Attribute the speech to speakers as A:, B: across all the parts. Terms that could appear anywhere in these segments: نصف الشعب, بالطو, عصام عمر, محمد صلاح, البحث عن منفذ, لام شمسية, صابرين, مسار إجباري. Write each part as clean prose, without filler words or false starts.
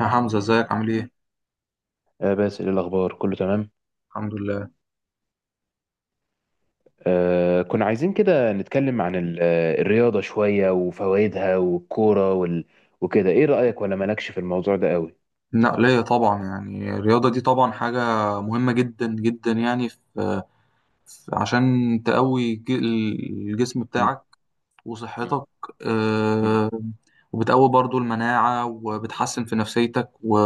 A: يا حمزة ازيك عامل ايه؟
B: آه، بس إيه الأخبار، كله تمام.
A: الحمد لله.
B: كنا عايزين كده نتكلم عن الرياضة شوية وفوائدها والكورة وكده. إيه رأيك، ولا مالكش في الموضوع ده قوي؟
A: النقلية طبعا يعني الرياضة دي طبعا حاجة مهمة جدا جدا يعني عشان تقوي الجسم
B: مم.
A: بتاعك
B: مم.
A: وصحتك.
B: مم.
A: آه، وبتقوي برضو المناعة وبتحسن في نفسيتك.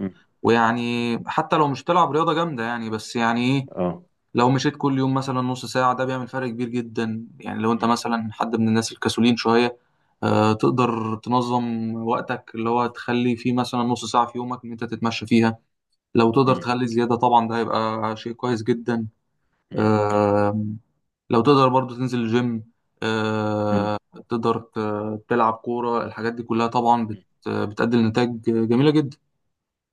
B: مم.
A: ويعني حتى لو مش بتلعب رياضة جامدة يعني بس يعني إيه،
B: آه.
A: لو مشيت كل يوم مثلا نص ساعة ده بيعمل فرق كبير جدا، يعني لو انت
B: مم.
A: مثلا حد من الناس الكسولين شوية. تقدر تنظم وقتك اللي هو تخلي فيه مثلا نص ساعة في يومك ان انت تتمشى فيها. لو تقدر
B: مم.
A: تخلي زيادة طبعا ده هيبقى شيء كويس جدا.
B: مم.
A: آه، لو تقدر برضو تنزل الجيم.
B: مم.
A: آه، تقدر تلعب كورة. الحاجات دي كلها طبعا
B: مم.
A: بتأدي لنتائج جميلة جدا.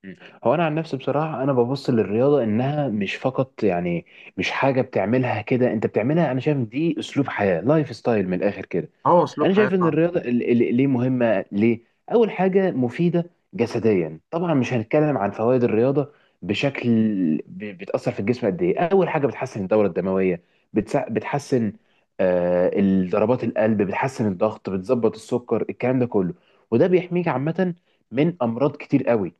B: مم. هو أنا عن نفسي بصراحة أنا ببص للرياضة إنها مش فقط، يعني مش حاجة بتعملها كده أنت بتعملها، أنا شايف دي أسلوب حياة، لايف ستايل من الآخر كده.
A: اه، اسلوب
B: انا
A: حياة
B: شايف ان
A: فعلا.
B: الرياضه ليه مهمه. ليه؟ اول حاجه مفيده جسديا، طبعا مش هنتكلم عن فوائد الرياضه بشكل، بتاثر في الجسم قد ايه. اول حاجه بتحسن الدوره الدمويه، بتحسن آه ضربات القلب، بتحسن الضغط، بتظبط السكر، الكلام ده كله. وده بيحميك عامه من امراض كتير قوي.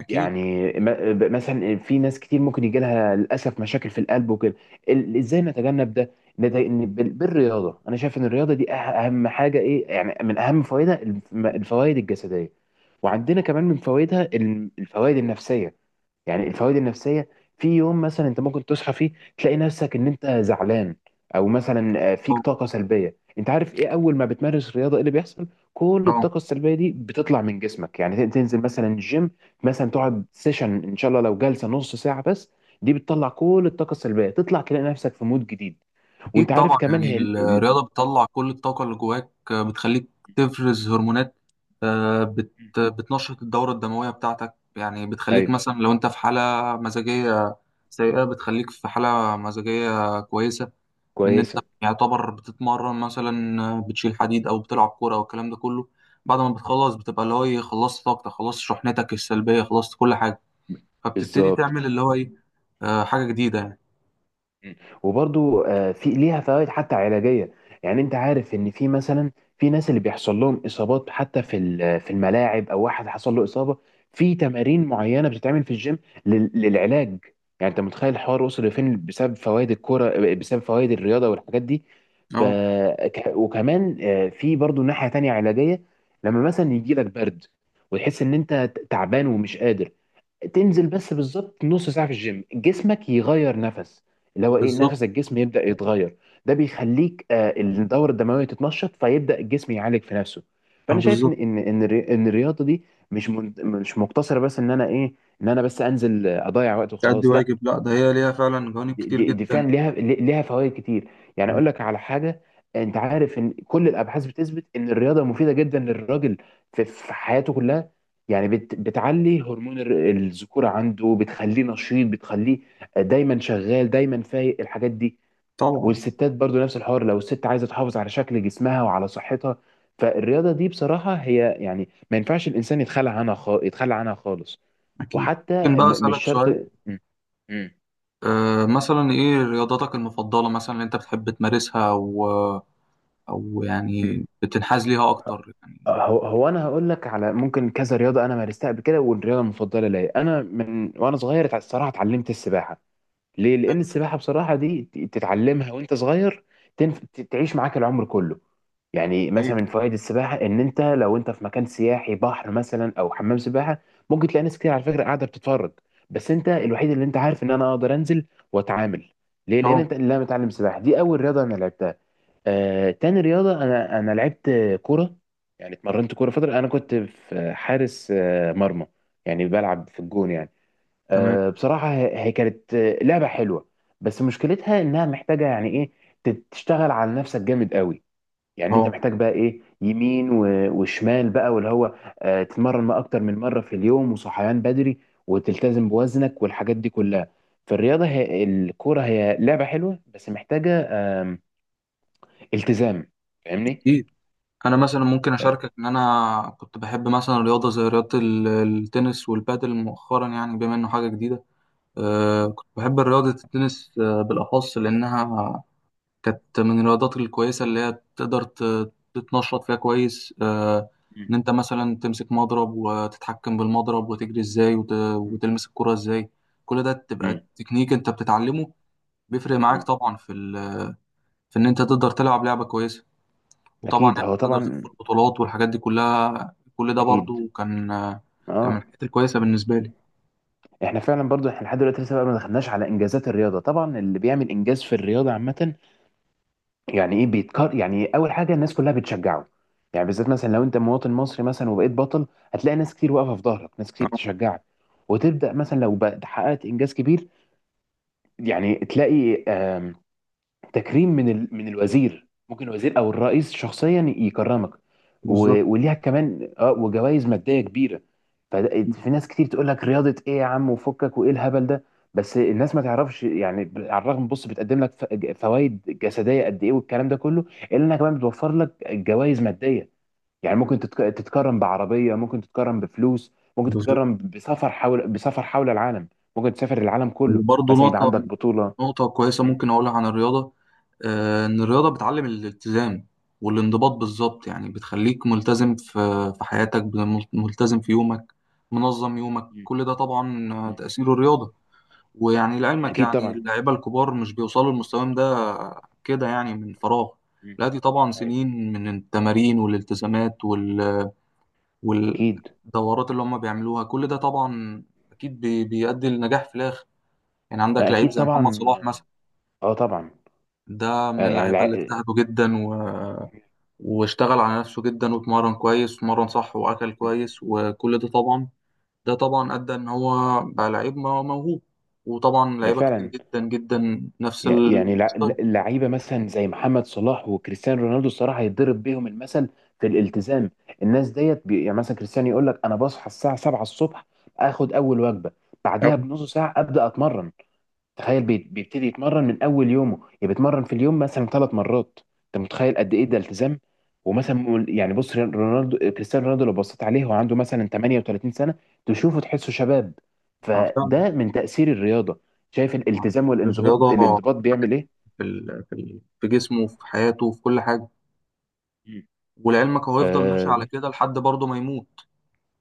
A: اكيد.
B: يعني مثلا في ناس كتير ممكن يجي لها للاسف مشاكل في القلب وكده. ازاي نتجنب ده؟ بالرياضه. انا شايف ان الرياضه دي اهم حاجه، ايه يعني من اهم فوائدها؟ الفوائد الجسديه. وعندنا كمان من فوائدها الفوائد النفسيه. يعني الفوائد النفسيه، في يوم مثلا انت ممكن تصحى فيه تلاقي نفسك ان انت زعلان، او مثلا فيك طاقه سلبيه. انت عارف ايه اول ما بتمارس رياضه ايه اللي بيحصل؟ كل
A: اه،
B: الطاقه السلبيه دي بتطلع من جسمك. يعني تنزل مثلا جيم، مثلا تقعد سيشن ان شاء الله، لو جلسه نص ساعه بس، دي بتطلع كل الطاقه السلبيه، تطلع تلاقي نفسك في مود جديد.
A: أكيد
B: وانت عارف
A: طبعا،
B: كمان،
A: يعني
B: هي ال... ال...
A: الرياضة
B: آه.
A: بتطلع كل الطاقة اللي جواك، بتخليك تفرز هرمونات. آه، بت بتنشط الدورة الدموية بتاعتك، يعني بتخليك
B: ايوه.
A: مثلا لو أنت في حالة مزاجية سيئة بتخليك في حالة مزاجية كويسة، لأن أنت
B: كويسه.
A: يعتبر بتتمرن مثلا، بتشيل حديد أو بتلعب كورة والكلام ده كله. بعد ما بتخلص بتبقى اللي هو إيه، خلصت طاقتك، خلصت شحنتك السلبية، خلصت كل حاجة، فبتبتدي
B: بالظبط.
A: تعمل اللي هو إيه، حاجة جديدة يعني.
B: مم. وبرضو في ليها فوائد حتى علاجيه. يعني انت عارف ان في مثلا، في ناس اللي بيحصل لهم اصابات حتى في في الملاعب، او واحد حصل له اصابه، في تمارين معينه بتتعمل في الجيم للعلاج. يعني انت متخيل الحوار وصل لفين بسبب فوائد الكوره، بسبب فوائد الرياضه والحاجات دي. ف
A: أه،
B: وكمان في برضو ناحيه تانية علاجيه. لما مثلا يجي لك برد وتحس ان انت تعبان ومش قادر، تنزل بس بالظبط نص ساعة في الجيم، جسمك يغير نفس، اللي هو ايه،
A: بالظبط.
B: نفس الجسم يبدأ يتغير. ده بيخليك الدورة الدموية تتنشط، فيبدأ الجسم يعالج في نفسه. فأنا شايف إن
A: بالظبط،
B: إن إن الري- إن الرياضة دي مش مقتصرة بس إن أنا بس أنزل أضيع وقت
A: تأدي
B: وخلاص. لا،
A: واجب. لا، ده هي ليها فعلا جوانب
B: دي
A: كتير
B: دي دي
A: جدا.
B: فعلا ليها فوائد كتير. يعني
A: م.
B: اقول لك على حاجه، انت عارف ان كل الابحاث بتثبت ان الرياضه مفيده جدا للراجل، في حياته كلها. يعني بتعلي هرمون الذكوره عنده، بتخليه نشيط، بتخليه دايما شغال، دايما فايق، الحاجات دي.
A: طبعا.
B: والستات برضو نفس الحوار، لو الست عايزه تحافظ على شكل جسمها وعلى صحتها، فالرياضه دي بصراحه هي يعني ما ينفعش الانسان يتخلى عنها يتخلى عنها خالص.
A: أكيد. ممكن
B: وحتى
A: بقى
B: مش
A: أسألك
B: شرط
A: سؤال؟
B: م- م-
A: أه، مثلا إيه رياضتك المفضلة مثلا اللي أنت بتحب تمارسها، أو أو
B: م.
A: يعني بتنحاز ليها أكتر يعني؟
B: هو انا هقول لك على ممكن كذا رياضه انا مارستها قبل كده. والرياضه المفضله ليا انا من وانا صغير، الصراحه اتعلمت السباحه. ليه؟ لان السباحه بصراحه دي تتعلمها وانت صغير، تعيش معاك العمر كله. يعني مثلا
A: أي.
B: من فوائد السباحه، ان انت لو انت في مكان سياحي، بحر مثلا او حمام سباحه، ممكن تلاقي ناس كتير على فكره قاعده بتتفرج، بس انت الوحيد اللي انت عارف ان انا اقدر انزل واتعامل. ليه؟ لان
A: طبعا.
B: انت اللي متعلم سباحه. دي اول رياضه انا لعبتها. تاني رياضة أنا لعبت كورة. يعني اتمرنت كورة فترة. أنا كنت في حارس مرمى، يعني بلعب في الجون يعني.
A: تمام.
B: بصراحة هي كانت لعبة حلوة. بس مشكلتها إنها محتاجة يعني إيه، تشتغل على نفسك جامد قوي. يعني أنت
A: أه.
B: محتاج بقى إيه، يمين وشمال بقى، واللي هو تتمرن ما أكتر من مرة في اليوم، وصحيان بدري، وتلتزم بوزنك، والحاجات دي كلها. فالرياضة هي الكورة هي لعبة حلوة، بس محتاجة آم، التزام، فاهمني؟
A: أكيد. أنا مثلا ممكن
B: آه.
A: أشاركك إن أنا كنت بحب مثلا رياضة زي التنس والبادل مؤخرا يعني بما إنه حاجة جديدة. أه،
B: مم.
A: كنت بحب رياضة التنس، بالأخص لأنها كانت من الرياضات الكويسة اللي هي تقدر تتنشط فيها كويس.
B: مم.
A: إن أنت مثلا تمسك مضرب وتتحكم بالمضرب وتجري إزاي
B: مم.
A: وتلمس الكرة إزاي. كل ده تبقى
B: مم.
A: تكنيك أنت بتتعلمه. بيفرق معاك
B: مم.
A: طبعا في إن أنت تقدر تلعب لعبة كويسة. وطبعا
B: اكيد،
A: يعني
B: هو
A: تقدر
B: طبعا
A: تدخل بطولات والحاجات دي كلها، كل ده
B: اكيد.
A: برضو كان كان من
B: اه.
A: الحاجات الكويسة بالنسبة لي.
B: احنا فعلا برضو احنا لحد دلوقتي لسه بقى ما دخلناش على انجازات الرياضه. طبعا اللي بيعمل انجاز في الرياضه عامه، يعني ايه بيتكر؟ يعني اول حاجه الناس كلها بتشجعه. يعني بالذات مثلا لو انت مواطن مصري مثلا وبقيت بطل، هتلاقي ناس كتير واقفه في ظهرك، ناس كتير تشجعك. وتبدا مثلا لو حققت انجاز كبير، يعني تلاقي تكريم من من الوزير، ممكن الوزير او الرئيس شخصيا يكرمك.
A: بالظبط.
B: وليها كمان اه وجوائز ماديه كبيره. ففي ناس كتير تقول لك رياضه ايه يا عم وفكك وايه الهبل ده، بس الناس ما تعرفش، يعني على الرغم بص بتقدم لك فوائد جسديه قد ايه والكلام ده كله، الا انها كمان بتوفر لك جوائز ماديه. يعني ممكن تتكرم بعربيه، ممكن تتكرم بفلوس، ممكن
A: بالظبط.
B: تتكرم بسفر حول العالم. ممكن تسافر العالم كله
A: وبرضه
B: مثلا، يبقى
A: نقطة
B: عندك بطوله.
A: نقطة كويسة
B: مم.
A: ممكن أقولها عن الرياضة. إن الرياضة بتعلم الالتزام والانضباط، بالظبط يعني بتخليك ملتزم في في حياتك، ملتزم في يومك، منظم يومك،
B: مم.
A: كل ده طبعا
B: مم.
A: تأثير الرياضة. ويعني لعلمك
B: اكيد
A: يعني
B: طبعا.
A: اللعيبة الكبار مش بيوصلوا لمستواهم ده كده يعني من فراغ.
B: مم.
A: لا، دي طبعا
B: ايوه.
A: سنين من التمارين والالتزامات
B: اكيد.
A: والدورات اللي هم بيعملوها، كل ده طبعا أكيد بيؤدي لنجاح في الآخر. يعني
B: ما
A: عندك لعيب
B: اكيد
A: زي محمد
B: طبعا.
A: صلاح مثلا،
B: اه طبعا.
A: ده من
B: آه يعني
A: اللعيبة اللي اجتهدوا جدا واشتغل على نفسه جدا واتمرن كويس واتمرن صح وأكل
B: مم.
A: كويس وكل ده طبعا، ده طبعا
B: مم.
A: أدى إن هو بقى لعيب موهوب. وطبعا
B: ما
A: لعيبة كتير
B: فعلا.
A: جدا جدا نفس
B: يعني
A: الستايل.
B: لعيبه مثلا زي محمد صلاح وكريستيانو رونالدو الصراحه هيتضرب بيهم المثل في الالتزام. الناس ديت يعني مثلا كريستيانو يقول لك انا بصحى الساعه 7 الصبح، اخد اول وجبه، بعديها
A: أوي.
B: بنص ساعه ابدا اتمرن. تخيل بيبتدي يتمرن من اول يومه، يعني بيتمرن في اليوم مثلا 3 مرات. انت متخيل قد ايه ده التزام! ومثلا يعني بص كريستيانو رونالدو، لو بصيت عليه هو عنده مثلا 38 سنه، تشوفه تحسه شباب.
A: آه، فعلا.
B: فده من تاثير الرياضه. شايف
A: آه.
B: الالتزام والانضباط.
A: الرياضة فرقت
B: بيعمل ايه؟
A: في جسمه وفي حياته وفي كل حاجة. ولعلمك هو يفضل ماشي على
B: مم.
A: كده لحد برضه ما يموت،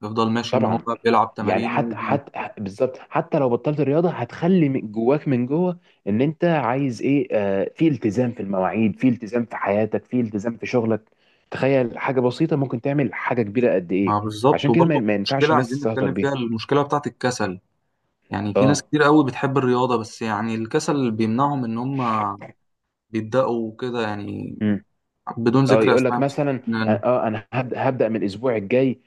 A: يفضل ماشي إن هو
B: طبعا.
A: بيلعب
B: يعني حتى
A: تمارينه.
B: حتى بالظبط حتى لو بطلت الرياضه هتخلي من جواك من جوه ان انت عايز ايه، في التزام في المواعيد، في التزام في حياتك، في التزام في شغلك. تخيل حاجه بسيطه ممكن تعمل حاجه كبيره قد ايه.
A: ما بالظبط.
B: عشان كده ما
A: وبرضه
B: ما ينفعش
A: المشكلة
B: الناس
A: عايزين
B: تستهتر
A: نتكلم
B: بيها.
A: فيها المشكلة بتاعت الكسل، يعني في ناس
B: اه.
A: كتير قوي بتحب الرياضة بس يعني الكسل بيمنعهم إن هم بيبدأوا كده يعني، بدون
B: اه
A: ذكر
B: يقول لك
A: أسماء
B: مثلا
A: مثلا.
B: انا هبدا من الاسبوع الجاي،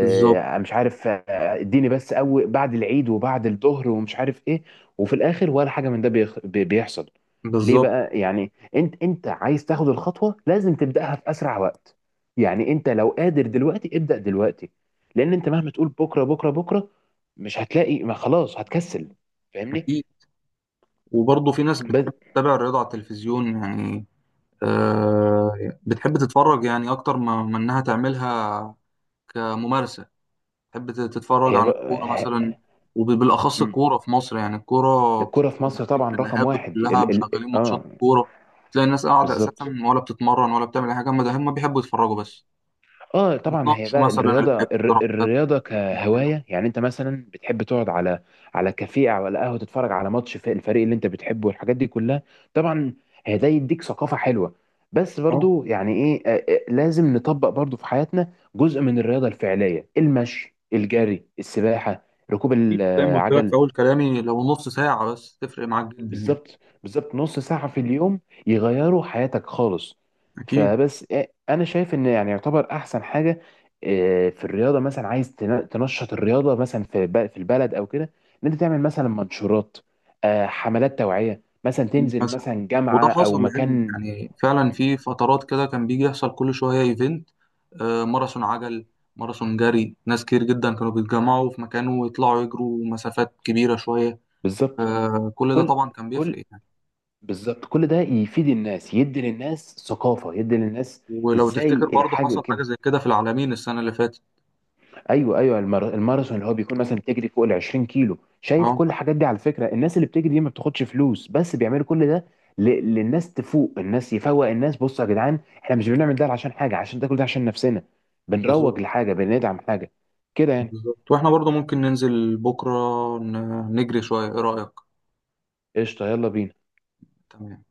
A: بالظبط.
B: عارف اديني بس اول بعد العيد، وبعد الظهر، ومش عارف ايه، وفي الاخر ولا حاجه من ده بيحصل. ليه
A: بالظبط.
B: بقى؟ يعني انت عايز تاخد الخطوه لازم تبداها في اسرع وقت. يعني انت لو قادر دلوقتي ابدا دلوقتي. لان انت مهما تقول بكره بكره بكره مش هتلاقي، ما خلاص هتكسل، فاهمني؟
A: أكيد. وبرضه في ناس
B: بس.
A: بتحب تتابع الرياضة على التلفزيون يعني، آه بتحب تتفرج يعني أكتر ما ما إنها تعملها كممارسة. تحب تتفرج
B: هي
A: عن
B: بقى
A: الكورة مثلا،
B: ه-
A: وبالأخص الكورة في مصر، يعني
B: الكرة في مصر
A: تقريبا
B: طبعا رقم
A: القهاوي
B: واحد
A: كلها
B: ال ال
A: مشغلين ماتشات
B: اه
A: كورة. تلاقي الناس قاعدة أساسا
B: بالظبط.
A: ولا بتتمرن ولا بتعمل أي حاجة، هما ده هما بيحبوا يتفرجوا
B: مم.
A: بس،
B: اه طبعا. هي
A: بيتناقشوا
B: بقى
A: مثلا
B: الرياضه
A: الاقتراحات
B: الرياضه
A: معينة.
B: كهوايه. يعني انت مثلا بتحب تقعد على كافيه او على قهوه، تتفرج على ماتش في الفريق اللي انت بتحبه والحاجات دي كلها، طبعا. هي ده يديك ثقافه حلوه. بس
A: أه.
B: برضو يعني ايه، لازم نطبق برضو في حياتنا جزء من الرياضه الفعليه، المشي، الجري، السباحه، ركوب
A: أكيد. زي ما قلت لك في
B: العجل.
A: أول كلامي، لو نص ساعة بس تفرق معاك جدا يعني.
B: بالظبط، بالظبط، نص ساعة في اليوم يغيروا حياتك خالص.
A: أكيد.
B: فبس انا شايف ان يعني يعتبر احسن حاجة في الرياضة، مثلا عايز تنشط الرياضة مثلا في في البلد او كده، ان انت تعمل مثلا منشورات، حملات توعية، مثلا تنزل مثلا
A: وده
B: جامعة
A: حصل
B: او
A: لعلمك
B: مكان.
A: يعني فعلا في فترات كده كان بيجي يحصل كل شوية ايفنت، ماراثون عجل، ماراثون جري، ناس كتير جدا كانوا بيتجمعوا في مكان ويطلعوا يجروا مسافات كبيرة شوية.
B: بالظبط.
A: كل ده
B: كل
A: طبعا كان
B: كل
A: بيفرق يعني.
B: بالظبط كل ده يفيد الناس، يدي للناس ثقافة، يدي للناس.
A: ولو
B: ازاي
A: تفتكر برضه
B: حاجة
A: حصل حاجة
B: كده؟
A: زي كده في العالمين السنة اللي فاتت.
B: ايوه، ايوه. الماراثون اللي هو بيكون مثلا بتجري فوق ال 20 كيلو، شايف؟
A: اه.
B: كل الحاجات دي على فكره، الناس اللي بتجري دي ما بتاخدش فلوس، بس بيعملوا كل ده للناس تفوق. الناس يفوق الناس، بصوا يا جدعان، احنا مش بنعمل ده عشان حاجه، عشان ده كل ده عشان نفسنا،
A: بالظبط.
B: بنروج لحاجه، بندعم حاجه كده يعني.
A: بالظبط. واحنا برضه ممكن ننزل بكرة، نجري شوية، ايه رأيك؟
B: قشطه، يلا بينا.
A: تمام.